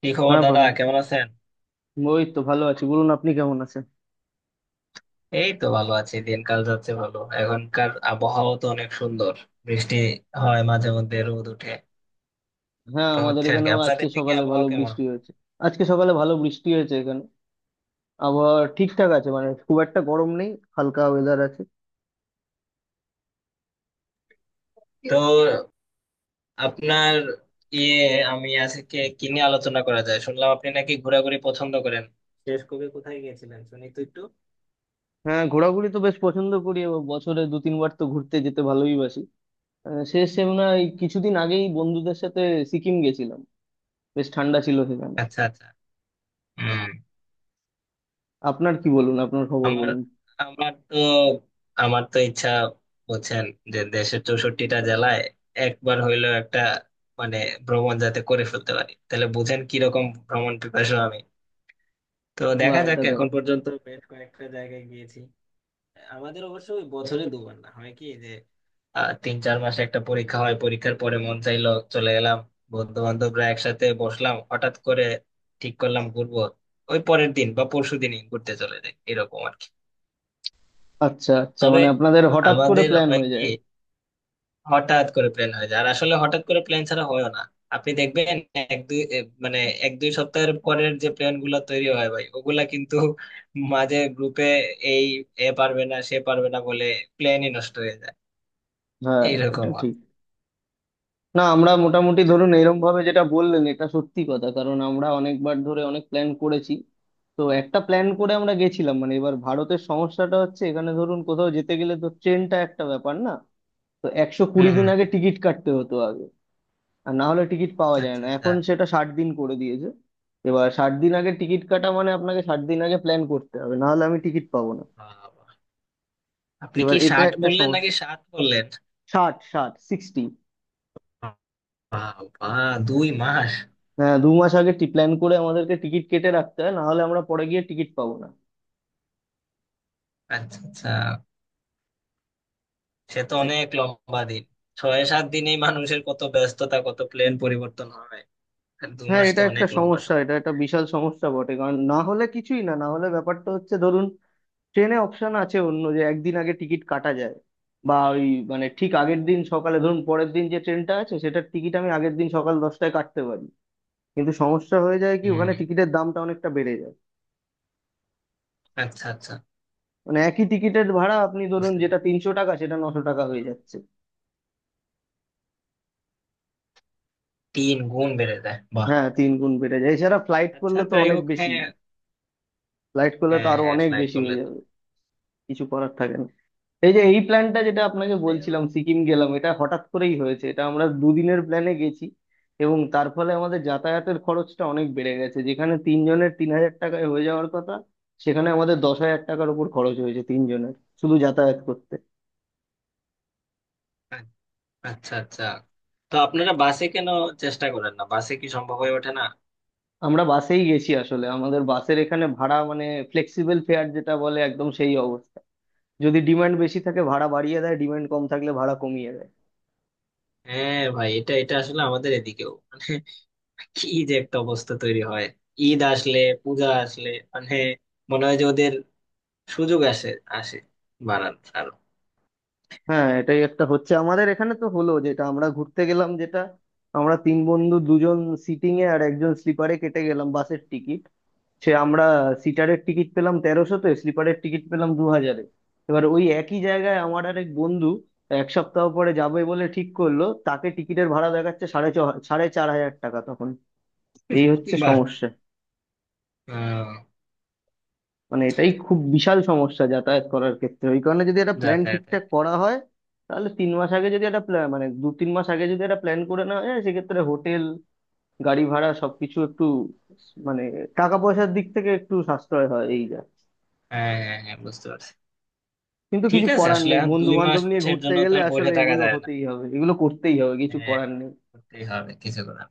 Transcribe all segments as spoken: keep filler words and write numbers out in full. কি খবর হ্যাঁ দাদা, ভাই, কেমন আছেন? ওই তো ভালো আছি। বলুন, আপনি কেমন আছেন? এই তো ভালো আছি। দিনকাল যাচ্ছে ভালো। এখনকার আবহাওয়া তো অনেক সুন্দর। বৃষ্টি হয়, মাঝে মধ্যে রোদ উঠে, হ্যাঁ, তো আমাদের হচ্ছে আর কি। এখানেও আজকে আপনাদের দিকে সকালে আবহাওয়া ভালো কেমন? বৃষ্টি হয়েছে। আজকে সকালে ভালো বৃষ্টি হয়েছে এখানে। আবহাওয়া ঠিকঠাক আছে, মানে খুব একটা গরম নেই, হালকা ওয়েদার আছে। তো আপনার ইয়ে আমি আজকে কি নিয়ে আলোচনা করা যায়, শুনলাম আপনি নাকি ঘোরাঘুরি পছন্দ করেন। শেষ কবে কোথায় গিয়েছিলেন, শুনি তো একটু। হ্যাঁ, ঘোরাঘুরি তো বেশ পছন্দ করি এবং বছরে দু তিনবার তো ঘুরতে যেতে ভালোই বাসি। আহ, শেষ সেমনা এই কিছুদিন আগেই বন্ধুদের সাথে সিকিম গেছিলাম। বেশ ঠান্ডা ছিল সেখানে। আচ্ছা আচ্ছা। হম। আপনার কি বলুন, আপনার খবর আমার বলুন। আমার তো আমার তো ইচ্ছা, বলছেন যে দেশের চৌষট্টিটা জেলায় একবার হইলেও একটা মানে ভ্রমণ যাতে করে ফেলতে পারি, তাহলে বুঝেন কিরকম ভ্রমণ পিপাসু আমি। তো বা, দেখা যাক, এটা এখন দারুণ। পর্যন্ত বেশ কয়েকটা জায়গায় গিয়েছি। আমাদের অবশ্য ওই বছরে দুবার, না হয় কি যে, আহ, তিন চার মাসে একটা পরীক্ষা হয়, পরীক্ষার পরে মন চাইলো চলে এলাম। বন্ধু বান্ধবরা একসাথে বসলাম, হঠাৎ করে ঠিক করলাম ঘুরবো, ওই পরের দিন বা পরশু দিনই ঘুরতে চলে যাই, এরকম আর কি। আচ্ছা আচ্ছা, তবে মানে আপনাদের হঠাৎ করে আমাদের প্ল্যান হয় হয়ে যায়। কি, হঠাৎ করে প্ল্যান হয়ে যায়, আর আসলে হঠাৎ করে প্ল্যান ছাড়া হয় না। আপনি দেখবেন এক দুই এ, মানে এক দুই সপ্তাহের পরের যে প্ল্যান গুলো তৈরি হয় ভাই, ওগুলা কিন্তু মাঝে গ্রুপে এই এ পারবে না সে পারবে না বলে প্ল্যানই নষ্ট হয়ে যায়। হ্যাঁ, এটা এইরকম হয়। ঠিক। না, আমরা মোটামুটি ধরুন এরম ভাবে, যেটা বললেন এটা সত্যি কথা, কারণ আমরা অনেকবার ধরে অনেক প্ল্যান করেছি। তো একটা প্ল্যান করে আমরা গেছিলাম। মানে এবার ভারতের সমস্যাটা হচ্ছে, এখানে ধরুন কোথাও যেতে গেলে তো ট্রেনটা একটা ব্যাপার না। তো একশো হম কুড়ি হম। দিন আগে টিকিট কাটতে হতো আগে, আর না হলে টিকিট পাওয়া যায় আচ্ছা না। আচ্ছা। এখন সেটা ষাট দিন করে দিয়েছে। এবার ষাট দিন আগে টিকিট কাটা মানে আপনাকে ষাট দিন আগে প্ল্যান করতে হবে, না হলে আমি টিকিট পাবো না। বাবা। আপনি এবার কি এটা ষাট একটা বললেন নাকি সমস্যা। ষাট বললেন? ষাট ষাট সিক্সটি। বাবা, দুই মাস। হ্যাঁ, দু মাস আগে টি প্ল্যান করে আমাদেরকে টিকিট কেটে রাখতে হয়, না হলে আমরা পরে গিয়ে টিকিট পাবো না। আচ্ছা আচ্ছা, সে তো এ- অনেক লম্বা দিন। ছয় সাত দিনেই মানুষের কত ব্যস্ততা, কত প্লেন পরিবর্তন হয়, আর দু হ্যাঁ, মাস তো এটা একটা অনেক লম্বা সমস্যা, সময়। এটা একটা বিশাল সমস্যা বটে। কারণ না হলে কিছুই না, না হলে ব্যাপারটা হচ্ছে, ধরুন ট্রেনে অপশন আছে অন্য, যে একদিন আগে টিকিট কাটা যায়। বা ওই, মানে ঠিক আগের দিন সকালে ধরুন পরের দিন যে ট্রেনটা আছে সেটার টিকিট আমি আগের দিন সকাল দশটায় কাটতে পারি। কিন্তু সমস্যা হয়ে যায় কি, ওখানে হম। টিকিটের দামটা অনেকটা বেড়ে যায়। আচ্ছা আচ্ছা, মানে একই টিকিটের ভাড়া আপনি ধরুন বুঝতে যেটা পারলাম। তিনশো টাকা, সেটা নশো টাকা হয়ে যাচ্ছে। তিন গুণ বেড়ে যায়, বাহ। হ্যাঁ, তিন গুণ বেড়ে যায়। এছাড়া ফ্লাইট আচ্ছা, করলে তো যাই অনেক হোক। বেশি। হ্যাঁ ফ্লাইট করলে তো হ্যাঁ আরো হ্যাঁ, অনেক ফ্লাইট বেশি করলে হয়ে তো। যাবে, কিছু করার থাকে না। এই যে এই প্ল্যানটা যেটা আপনাকে যাই হোক, বলছিলাম, সিকিম গেলাম, এটা হঠাৎ করেই হয়েছে, এটা আমরা দুদিনের প্ল্যানে গেছি। এবং তার ফলে আমাদের যাতায়াতের খরচটা অনেক বেড়ে গেছে। যেখানে তিনজনের তিন হাজার টাকায় হয়ে যাওয়ার কথা, সেখানে আমাদের দশ হাজার টাকার উপর খরচ হয়েছে তিনজনের, শুধু যাতায়াত করতে। আ- আচ্ছা আচ্ছা, তো আপনারা বাসে কেন চেষ্টা করেন না, বাসে কি সম্ভব হয়ে ওঠে না? আমরা বাসেই গেছি। আসলে আমাদের বাসের এখানে ভাড়া মানে ফ্লেক্সিবল ফেয়ার যেটা বলে, একদম সেই অবস্থা। যদি ডিমান্ড বেশি থাকে ভাড়া বাড়িয়ে দেয়, ডিমান্ড কম থাকলে ভাড়া কমিয়ে দেয়। হ্যাঁ ভাই, এটা এটা আসলে আমাদের এদিকেও মানে কি যে একটা অবস্থা তৈরি হয়, ঈদ আসলে, পূজা আসলে, মানে মনে হয় যে ওদের সুযোগ আসে, আসে বাড়ার আরো। হ্যাঁ, এটাই একটা হচ্ছে আমাদের এখানে। তো হলো যেটা, আমরা ঘুরতে গেলাম, যেটা আমরা তিন বন্ধু, দুজন সিটিং এ আর একজন স্লিপারে কেটে গেলাম বাসের টিকিট। সে আমরা সিটারের টিকিট পেলাম তেরোশোতে, স্লিপারের টিকিট পেলাম দু হাজারে। এবার ওই একই জায়গায় আমার আর এক বন্ধু এক সপ্তাহ পরে যাবে বলে ঠিক করলো, তাকে টিকিটের ভাড়া দেখাচ্ছে সাড়ে ছ সাড়ে চার হাজার টাকা তখন। এই হচ্ছে বাহ। সমস্যা। হম। মানে এটাই খুব বিশাল সমস্যা যাতায়াত করার ক্ষেত্রে। ওই কারণে যদি একটা প্ল্যান যাতায়াতের। ঠিকঠাক করা হয়, তাহলে তিন মাস আগে যদি একটা প্ল্যান, মানে দু তিন মাস আগে যদি একটা প্ল্যান করে নেওয়া যায়, সেক্ষেত্রে হোটেল, গাড়ি ভাড়া সবকিছু একটু, মানে টাকা পয়সার দিক থেকে একটু সাশ্রয় হয়, এই যা। হ্যাঁ হ্যাঁ হ্যাঁ, বুঝতে পারছি। কিন্তু ঠিক কিছু আছে, করার আসলে নেই, এখন বন্ধু দুই বান্ধব নিয়ে মাসের ঘুরতে জন্য তো গেলে আর বসে আসলে থাকা এগুলো যায় না। হতেই হবে, এগুলো করতেই হবে, কিছু হ্যাঁ, করার নেই। করতেই হবে কিছু করে।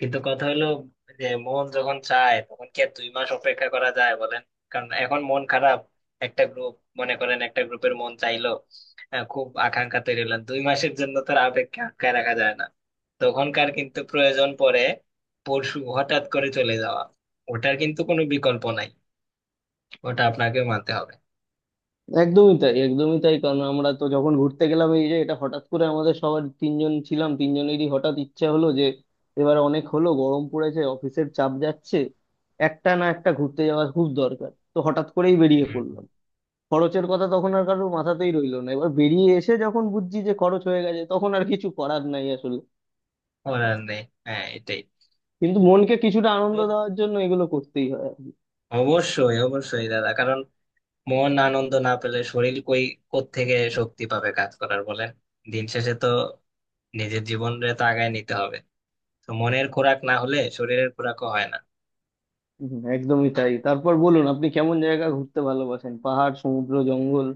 কিন্তু কথা হলো, যে মন যখন চায় তখন কি আর দুই মাস অপেক্ষা করা যায় বলেন? কারণ এখন মন খারাপ, একটা গ্রুপ, মনে করেন একটা গ্রুপের মন চাইলো, আহ, খুব আকাঙ্ক্ষা তৈরি হলেন, দুই মাসের জন্য তো আর আবেগকে আটকায় রাখা যায় না। তখনকার কিন্তু প্রয়োজন পড়ে, পরশু হঠাৎ করে চলে যাওয়া। ওটার কিন্তু কোনো বিকল্প নাই, ওটা আপনাকেও মানতে হবে। একদমই তাই, একদমই তাই। কারণ আমরা তো যখন ঘুরতে গেলাম, এই যে এটা হঠাৎ করে, আমাদের সবার, তিনজন ছিলাম, তিনজনেরই হঠাৎ ইচ্ছা হলো যে এবার অনেক হলো, গরম পড়েছে, অফিসের চাপ যাচ্ছে, একটা না একটা ঘুরতে যাওয়া খুব দরকার। তো হঠাৎ করেই বেরিয়ে হুম। পড়লাম। খরচের কথা তখন আর কারোর মাথাতেই রইলো না। এবার বেরিয়ে এসে যখন বুঝছি যে খরচ হয়ে গেছে, তখন আর কিছু করার নাই আসলে। করার নেই, হ্যাঁ এটাই। কিন্তু মনকে কিছুটা আনন্দ তো দেওয়ার জন্য এগুলো করতেই হয়। অবশ্যই অবশ্যই দাদা, কারণ মন আনন্দ না পেলে শরীর কই, কোত্থেকে শক্তি পাবে কাজ করার বলেন। দিন শেষে তো নিজের জীবনে তো আগায় নিতে হবে, তো মনের খোরাক না হলে শরীরের খোরাকও হয় না। হুম, একদমই তাই। তারপর বলুন, আপনি কেমন জায়গা ঘুরতে ভালোবাসেন, পাহাড়, সমুদ্র, জঙ্গল?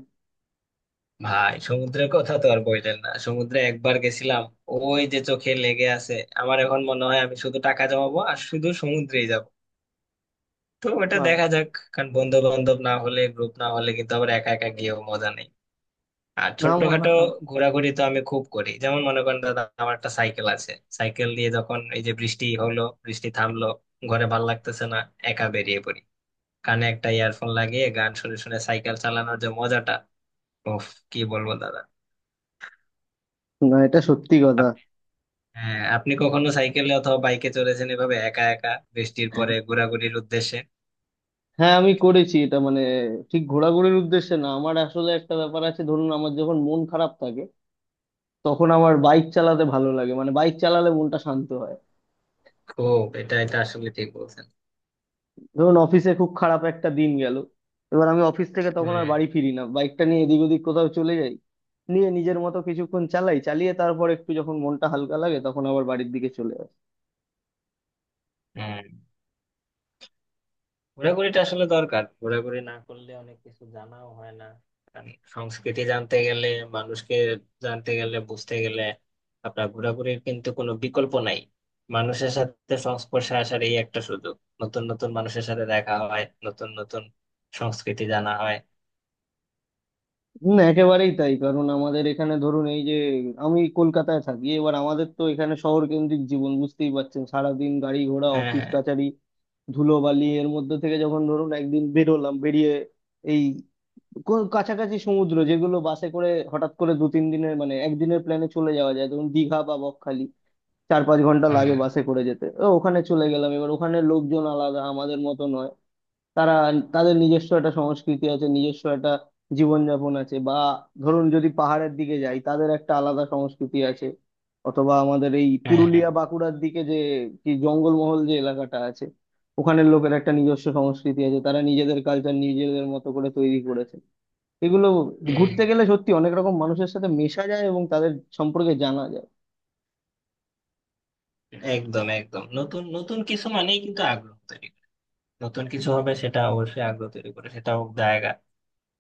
ভাই, সমুদ্রের কথা তো আর বললেন না। সমুদ্রে একবার গেছিলাম, ওই যে চোখে লেগে আছে। আমার এখন মনে হয় আমি শুধু টাকা জমাবো আর শুধু সমুদ্রেই যাব, তো ওটা বা। দেখা যাক। কারণ বন্ধু বান্ধব না হলে, গ্রুপ না হলে, কিন্তু আবার একা একা গিয়েও মজা নেই। আর ছোটখাটো না ঘোরাঘুরি তো আমি খুব করি। যেমন মনে করেন দাদা, আমার একটা সাইকেল আছে, সাইকেল দিয়ে যখন এই যে বৃষ্টি হলো বৃষ্টি থামলো, ঘরে ভাল লাগতেছে না, একা বেরিয়ে পড়ি, কানে একটা ইয়ারফোন লাগিয়ে গান শুনে শুনে সাইকেল চালানোর যে মজাটা, ওফ, কি বলবো দাদা। না, এটা সত্যি কথা। আপ- হ্যাঁ, আপনি কখনো সাইকেলে অথবা বাইকে চড়েছেন এভাবে একা একা, বৃষ্টির পরে ঘোরাঘুরির উদ্দেশ্যে? হ্যাঁ, আমি করেছি। এটা মানে ঠিক ঘোরাঘুরির উদ্দেশ্যে না। আমার আসলে একটা ব্যাপার আছে, ধরুন আমার যখন মন খারাপ থাকে, তখন আমার বাইক চালাতে ভালো লাগে। মানে বাইক চালালে মনটা শান্ত হয়। খুব, এটা এটা আসলে ঠিক বলছেন। ধরুন অফিসে খুব খারাপ একটা দিন গেল, এবার আমি অফিস থেকে তখন হুম। আর বাড়ি ফিরি না, বাইকটা নিয়ে এদিক ওদিক কোথাও চলে যাই। নিয়ে নিজের মতো কিছুক্ষণ চালাই, চালিয়ে তারপর একটু যখন মনটা হালকা লাগে, তখন আবার বাড়ির দিকে চলে যাই। হুম। ঘোরাঘুরিটা আসলে দরকার, ঘোরাঘুরি না করলে অনেক কিছু জানাও হয় না। কারণ সংস্কৃতি জানতে গেলে, মানুষকে জানতে গেলে, বুঝতে গেলে, আপনার ঘোরাঘুরির কিন্তু কোনো বিকল্প নাই। মানুষের সাথে সংস্পর্শে আসার এই একটা সুযোগ, নতুন নতুন মানুষের সাথে দেখা হয়, নতুন নতুন সংস্কৃতি জানা হয়। হুম, একেবারেই তাই। কারণ আমাদের এখানে ধরুন, এই যে আমি কলকাতায় থাকি, এবার আমাদের তো এখানে শহর কেন্দ্রিক জীবন, বুঝতেই পারছেন, সারাদিন গাড়ি ঘোড়া, হ্যাঁ অফিস হ্যাঁ। কাচারি, ধুলোবালি, এর মধ্যে থেকে যখন ধরুন একদিন বেরোলাম, বেরিয়ে এই কো- কাছাকাছি সমুদ্র যেগুলো, বাসে করে হঠাৎ করে দু তিন দিনের মানে একদিনের প্ল্যানে চলে যাওয়া যায়, ধরুন দীঘা বা বকখালি, চার পাঁচ ঘন্টা লাগে হ্যাঁ বাসে করে যেতে, ও, ওখানে চলে গেলাম। এবার ওখানে লোকজন আলাদা, আমাদের মতো নয়। তারা, তাদের নিজস্ব একটা সংস্কৃতি আছে, নিজস্ব একটা জীবনযাপন আছে। বা ধরুন যদি পাহাড়ের দিকে যাই, তাদের একটা আলাদা সংস্কৃতি আছে। অথবা আমাদের এই হ্যাঁ হ্যাঁ, পুরুলিয়া বাঁকুড়ার দিকে যে কি জঙ্গলমহল যে এলাকাটা আছে, ওখানের লোকের একটা নিজস্ব সংস্কৃতি আছে, তারা নিজেদের কালচার নিজেদের মতো করে তৈরি করেছে। এগুলো হ্যাঁ, ঘুরতে গেলে সত্যি অনেক রকম মানুষের সাথে মেশা যায় এবং তাদের সম্পর্কে জানা যায়। একদম একদম। নতুন নতুন কিছু মানেই কিন্তু আগ্রহ তৈরি করে। নতুন কিছু হবে, সেটা অবশ্যই আগ্রহ তৈরি করে, সেটা হোক জায়গা।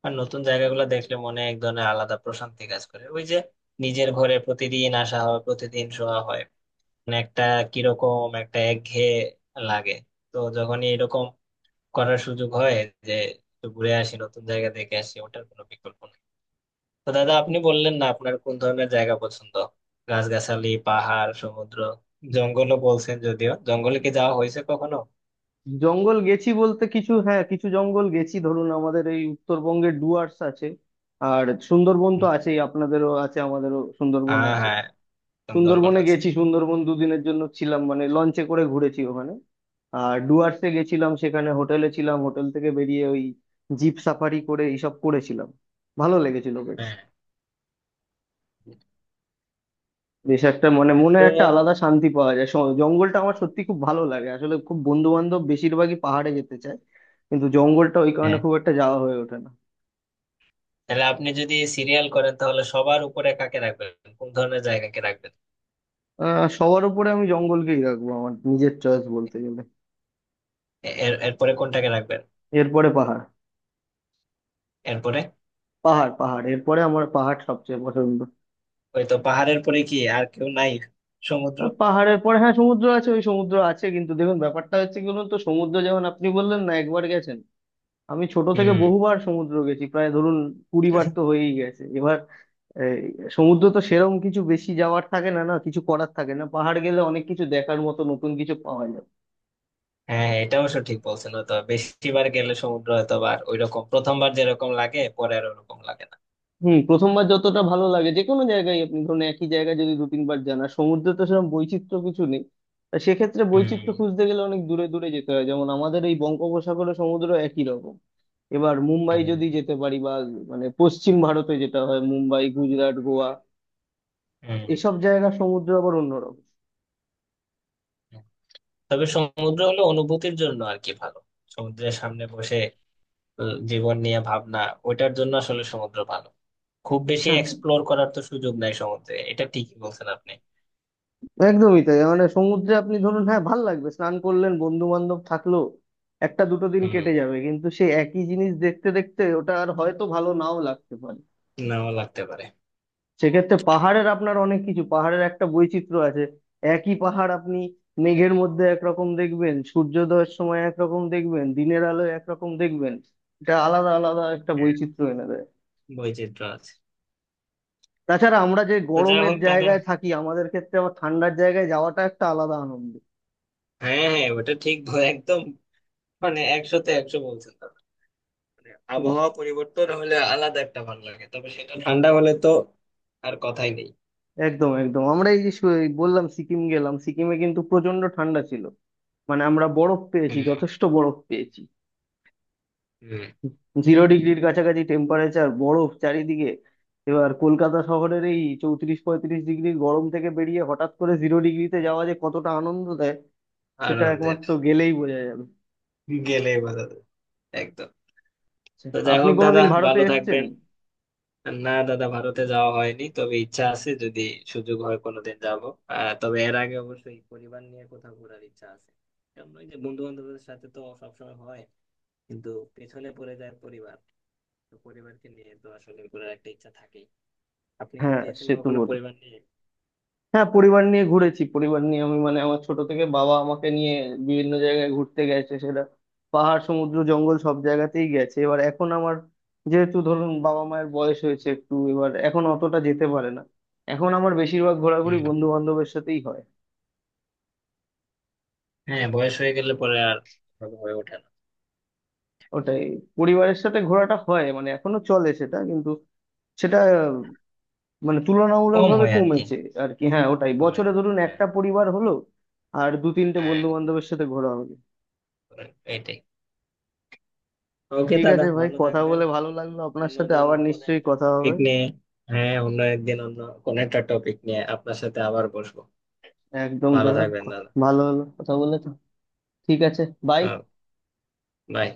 আর নতুন জায়গাগুলো দেখলে মনে এক ধরনের আলাদা প্রশান্তি কাজ করে। ওই যে নিজের ঘরে প্রতিদিন আসা হয়, প্রতিদিন শোয়া হয়, মানে একটা কিরকম একটা একঘেয়ে লাগে। তো যখনই এরকম করার সুযোগ হয় যে একটু ঘুরে আসি, নতুন জায়গা দেখে আসি, ওটার কোনো বিকল্প নেই। তো দাদা, আপনি বললেন না আপনার কোন ধরনের জায়গা পছন্দ, গাছগাছালি, পাহাড়, সমুদ্র, জঙ্গলও বলছেন, যদিও জঙ্গলে কি যাওয়া হয়েছে কখনো? জঙ্গল গেছি বলতে, কিছু হ্যাঁ, কিছু জঙ্গল গেছি। ধরুন আমাদের এই উত্তরবঙ্গে ডুয়ার্স আছে, আর সুন্দরবন তো আছেই, আপনাদেরও আছে, আমাদেরও সুন্দরবন হ্যাঁ আছে। হ্যাঁ, সুন্দরবন সুন্দরবনে আছে। গেছি, সুন্দরবন দুদিনের জন্য ছিলাম, মানে লঞ্চে করে ঘুরেছি ওখানে। আর ডুয়ার্সে গেছিলাম, সেখানে হোটেলে ছিলাম, হোটেল থেকে বেরিয়ে ওই জিপ সাফারি করে এইসব করেছিলাম। ভালো লেগেছিল বেশ। হ্যাঁ। বেশ একটা, মানে মনে একটা আলাদা তো শান্তি পাওয়া যায়। স- জঙ্গলটা আমার সত্যি খুব ভালো লাগে। আসলে খুব বন্ধু বান্ধব বেশিরভাগই পাহাড়ে যেতে চায়, কিন্তু জঙ্গলটা ওই কারণে হ্যাঁ, খুব একটা যাওয়া হয়ে ওঠে না। তাহলে আপনি যদি সিরিয়াল করেন তাহলে সবার উপরে কাকে রাখবেন, কোন ধরনের জায়গাকে রাখবেন? আহ, সবার উপরে আমি জঙ্গলকেই রাখবো আমার নিজের চয়েস বলতে গেলে। এ- এর এরপরে কোনটাকে রাখবেন? এরপরে পাহাড় এরপরে? পাহাড় পাহাড়, এরপরে আমার পাহাড় সবচেয়ে পছন্দ। ওই তো পাহাড়ের পরে কি আর কেউ নাই? সমুদ্র? আহ, পাহাড়ের পরে হ্যাঁ সমুদ্র আছে, ওই সমুদ্র আছে। কিন্তু দেখুন ব্যাপারটা হচ্ছে কি বলুন তো, সমুদ্র যেমন আপনি বললেন না একবার গেছেন, আমি ছোট থেকে হুম। বহুবার সমুদ্র গেছি। প্রায় ধরুন কুড়ি বার তো হয়েই গেছে এবার। এই, সমুদ্র তো সেরম কিছু বেশি যাওয়ার থাকে না, না কিছু করার থাকে না। পাহাড় গেলে অনেক কিছু দেখার মতো, নতুন কিছু পাওয়া যায়। হ্যাঁ হ্যাঁ, এটা অবশ্য ঠিক বলছেন। তো বেশিবার গেলে সমুদ্র হয়তো বা আর ওইরকম প্রথমবার যেরকম লাগে, পরে আর ওরকম লাগে না। হুম, প্রথমবার যতটা ভালো লাগে যে কোনো জায়গায়, আপনি ধরুন একই জায়গায় যদি দু তিনবার যান, আর সমুদ্রে তো সেরকম বৈচিত্র্য কিছু নেই। তা সেক্ষেত্রে বৈচিত্র্য হুম খুঁজতে গেলে অনেক দূরে দূরে যেতে হয়, যেমন আমাদের এই বঙ্গোপসাগরে সমুদ্র একই রকম। এবার মুম্বাই হুম। যদি যেতে পারি, বা মানে পশ্চিম ভারতে, যেটা হয় মুম্বাই, গুজরাট, গোয়া, হুম। এসব জায়গার সমুদ্র আবার অন্যরকম। হুম। তবে সমুদ্র হলো অনুভূতির জন্য আর কি ভালো, সমুদ্রের সামনে বসে, আহ, জীবন নিয়ে ভাবনা, ওইটার জন্য আসলে সমুদ্র ভালো। খুব বেশি হ্যাঁ, এক্সপ্লোর করার তো সুযোগ নাই সমুদ্রে, এটা ঠিকই বলছেন আপনি। একদমই তাই। মানে সমুদ্রে আপনি ধরুন, হ্যাঁ, ভাল লাগবে, স্নান করলেন, বন্ধু বান্ধব থাকলো, একটা দুটো দিন হুম। কেটে যাবে, কিন্তু সেই একই জিনিস দেখতে দেখতে ওটা আর হয়তো ভালো নাও লাগতে পারে। নাও লাগতে পারে। সেক্ষেত্রে পাহাড়ের আপনার অনেক কিছু, পাহাড়ের একটা বৈচিত্র্য আছে। একই পাহাড় আপনি মেঘের মধ্যে একরকম দেখবেন, সূর্যোদয়ের সময় একরকম দেখবেন, দিনের আলোয় একরকম দেখবেন। এটা আলাদা আলাদা একটা হ্যাঁ, বৈচিত্র্য এনে দেয়। বৈচিত্র্য আছে। তাছাড়া আমরা যে তো যা গরমের হোক দাদা। জায়গায় থাকি, আমাদের ক্ষেত্রে আবার ঠান্ডার জায়গায় যাওয়াটা একটা আলাদা আনন্দ। হ্যাঁ হ্যাঁ, ওটা ঠিক ব- একদম, মানে একশোতে একশো বলছেন দাদা। মানে আবহাওয়া পরিবর্তন হলে আলাদা একটা ভালো লাগে, তবে সেটা ঠান্ডা হলে তো আর কথাই নেই। একদম একদম, আমরা এই যে শু- এই বললাম সিকিম গেলাম, সিকিমে কিন্তু প্রচন্ড ঠান্ডা ছিল। মানে আমরা বরফ পেয়েছি, হুম। যথেষ্ট বরফ পেয়েছি। হুম। জিরো ডিগ্রির কাছাকাছি টেম্পারেচার, বরফ চারিদিকে। এবার কলকাতা শহরের এই চৌত্রিশ পঁয়ত্রিশ ডিগ্রির গরম থেকে বেরিয়ে হঠাৎ করে জিরো ডিগ্রিতে যাওয়া যে কতটা আনন্দ দেয়, সেটা আনন্দের, একমাত্র গেলেই বোঝা যাবে। গেলেই বোঝা যায়। একদম। আচ্ছা, তো যাই আপনি হোক দাদা, কোনোদিন ভারতে ভালো এসেছেন? থাকবেন। না দাদা, ভারতে যাওয়া হয়নি, তবে ইচ্ছা আছে, যদি সুযোগ হয় কোনোদিন যাব। আহ, তবে এর আগে অবশ্যই পরিবার নিয়ে কোথাও ঘোরার ইচ্ছা আছে। কারণ ওই যে, বন্ধু বান্ধবদের সাথে তো সবসময় হয়, কিন্তু পেছনে পড়ে যায় পরিবার। তো পরিবারকে নিয়ে তো আসলে ঘোরার একটা ইচ্ছা থাকেই। আপনি কি হ্যাঁ, গিয়েছেন সে তো কখনো বটেই। পরিবার নিয়ে? হ্যাঁ, পরিবার নিয়ে ঘুরেছি। পরিবার নিয়ে আমি, মানে আমার ছোট থেকে বাবা আমাকে নিয়ে বিভিন্ন জায়গায় ঘুরতে গেছে, সেটা পাহাড়, সমুদ্র, জঙ্গল সব জায়গাতেই গেছে। এবার এখন আমার যেহেতু ধরুন বাবা মায়ের বয়স হয়েছে একটু, এবার এখন অতটা যেতে পারে না। এখন আমার বেশিরভাগ ঘোরাঘুরি হুম। বন্ধু বান্ধবের সাথেই হয়। হ্যাঁ, বয়স হয়ে গেলে পরে আর ভালো হয়ে ওঠে না। ওটাই, পরিবারের সাথে ঘোরাটা হয়, মানে এখনো চলে সেটা, কিন্তু সেটা মানে কম তুলনামূলকভাবে হয় আর কি। কমেছে। আর কি, হ্যাঁ, ওটাই কমে। বছরে ধরুন হ্যাঁ একটা পরিবার হলো আর দু তিনটে হ্যাঁ, বন্ধু বান্ধবের সাথে ঘোরা হলো। এটাই। ওকে ঠিক দাদা, আছে ভাই, ভালো কথা থাকবেন। বলে ভালো লাগলো আপনার সাথে, অন্যদিন আবার কোন নিশ্চয়ই একটা কথা হবে। টপিক নিয়ে, হ্যাঁ অন্য একদিন অন্য কোন একটা টপিক নিয়ে আপনার সাথে আবার বসবো। একদম ভালো দাদা, থাকবেন ক- দাদা। ভালো হলো কথা বলে তো। ঠিক আছে। বাই। আহ, বাই।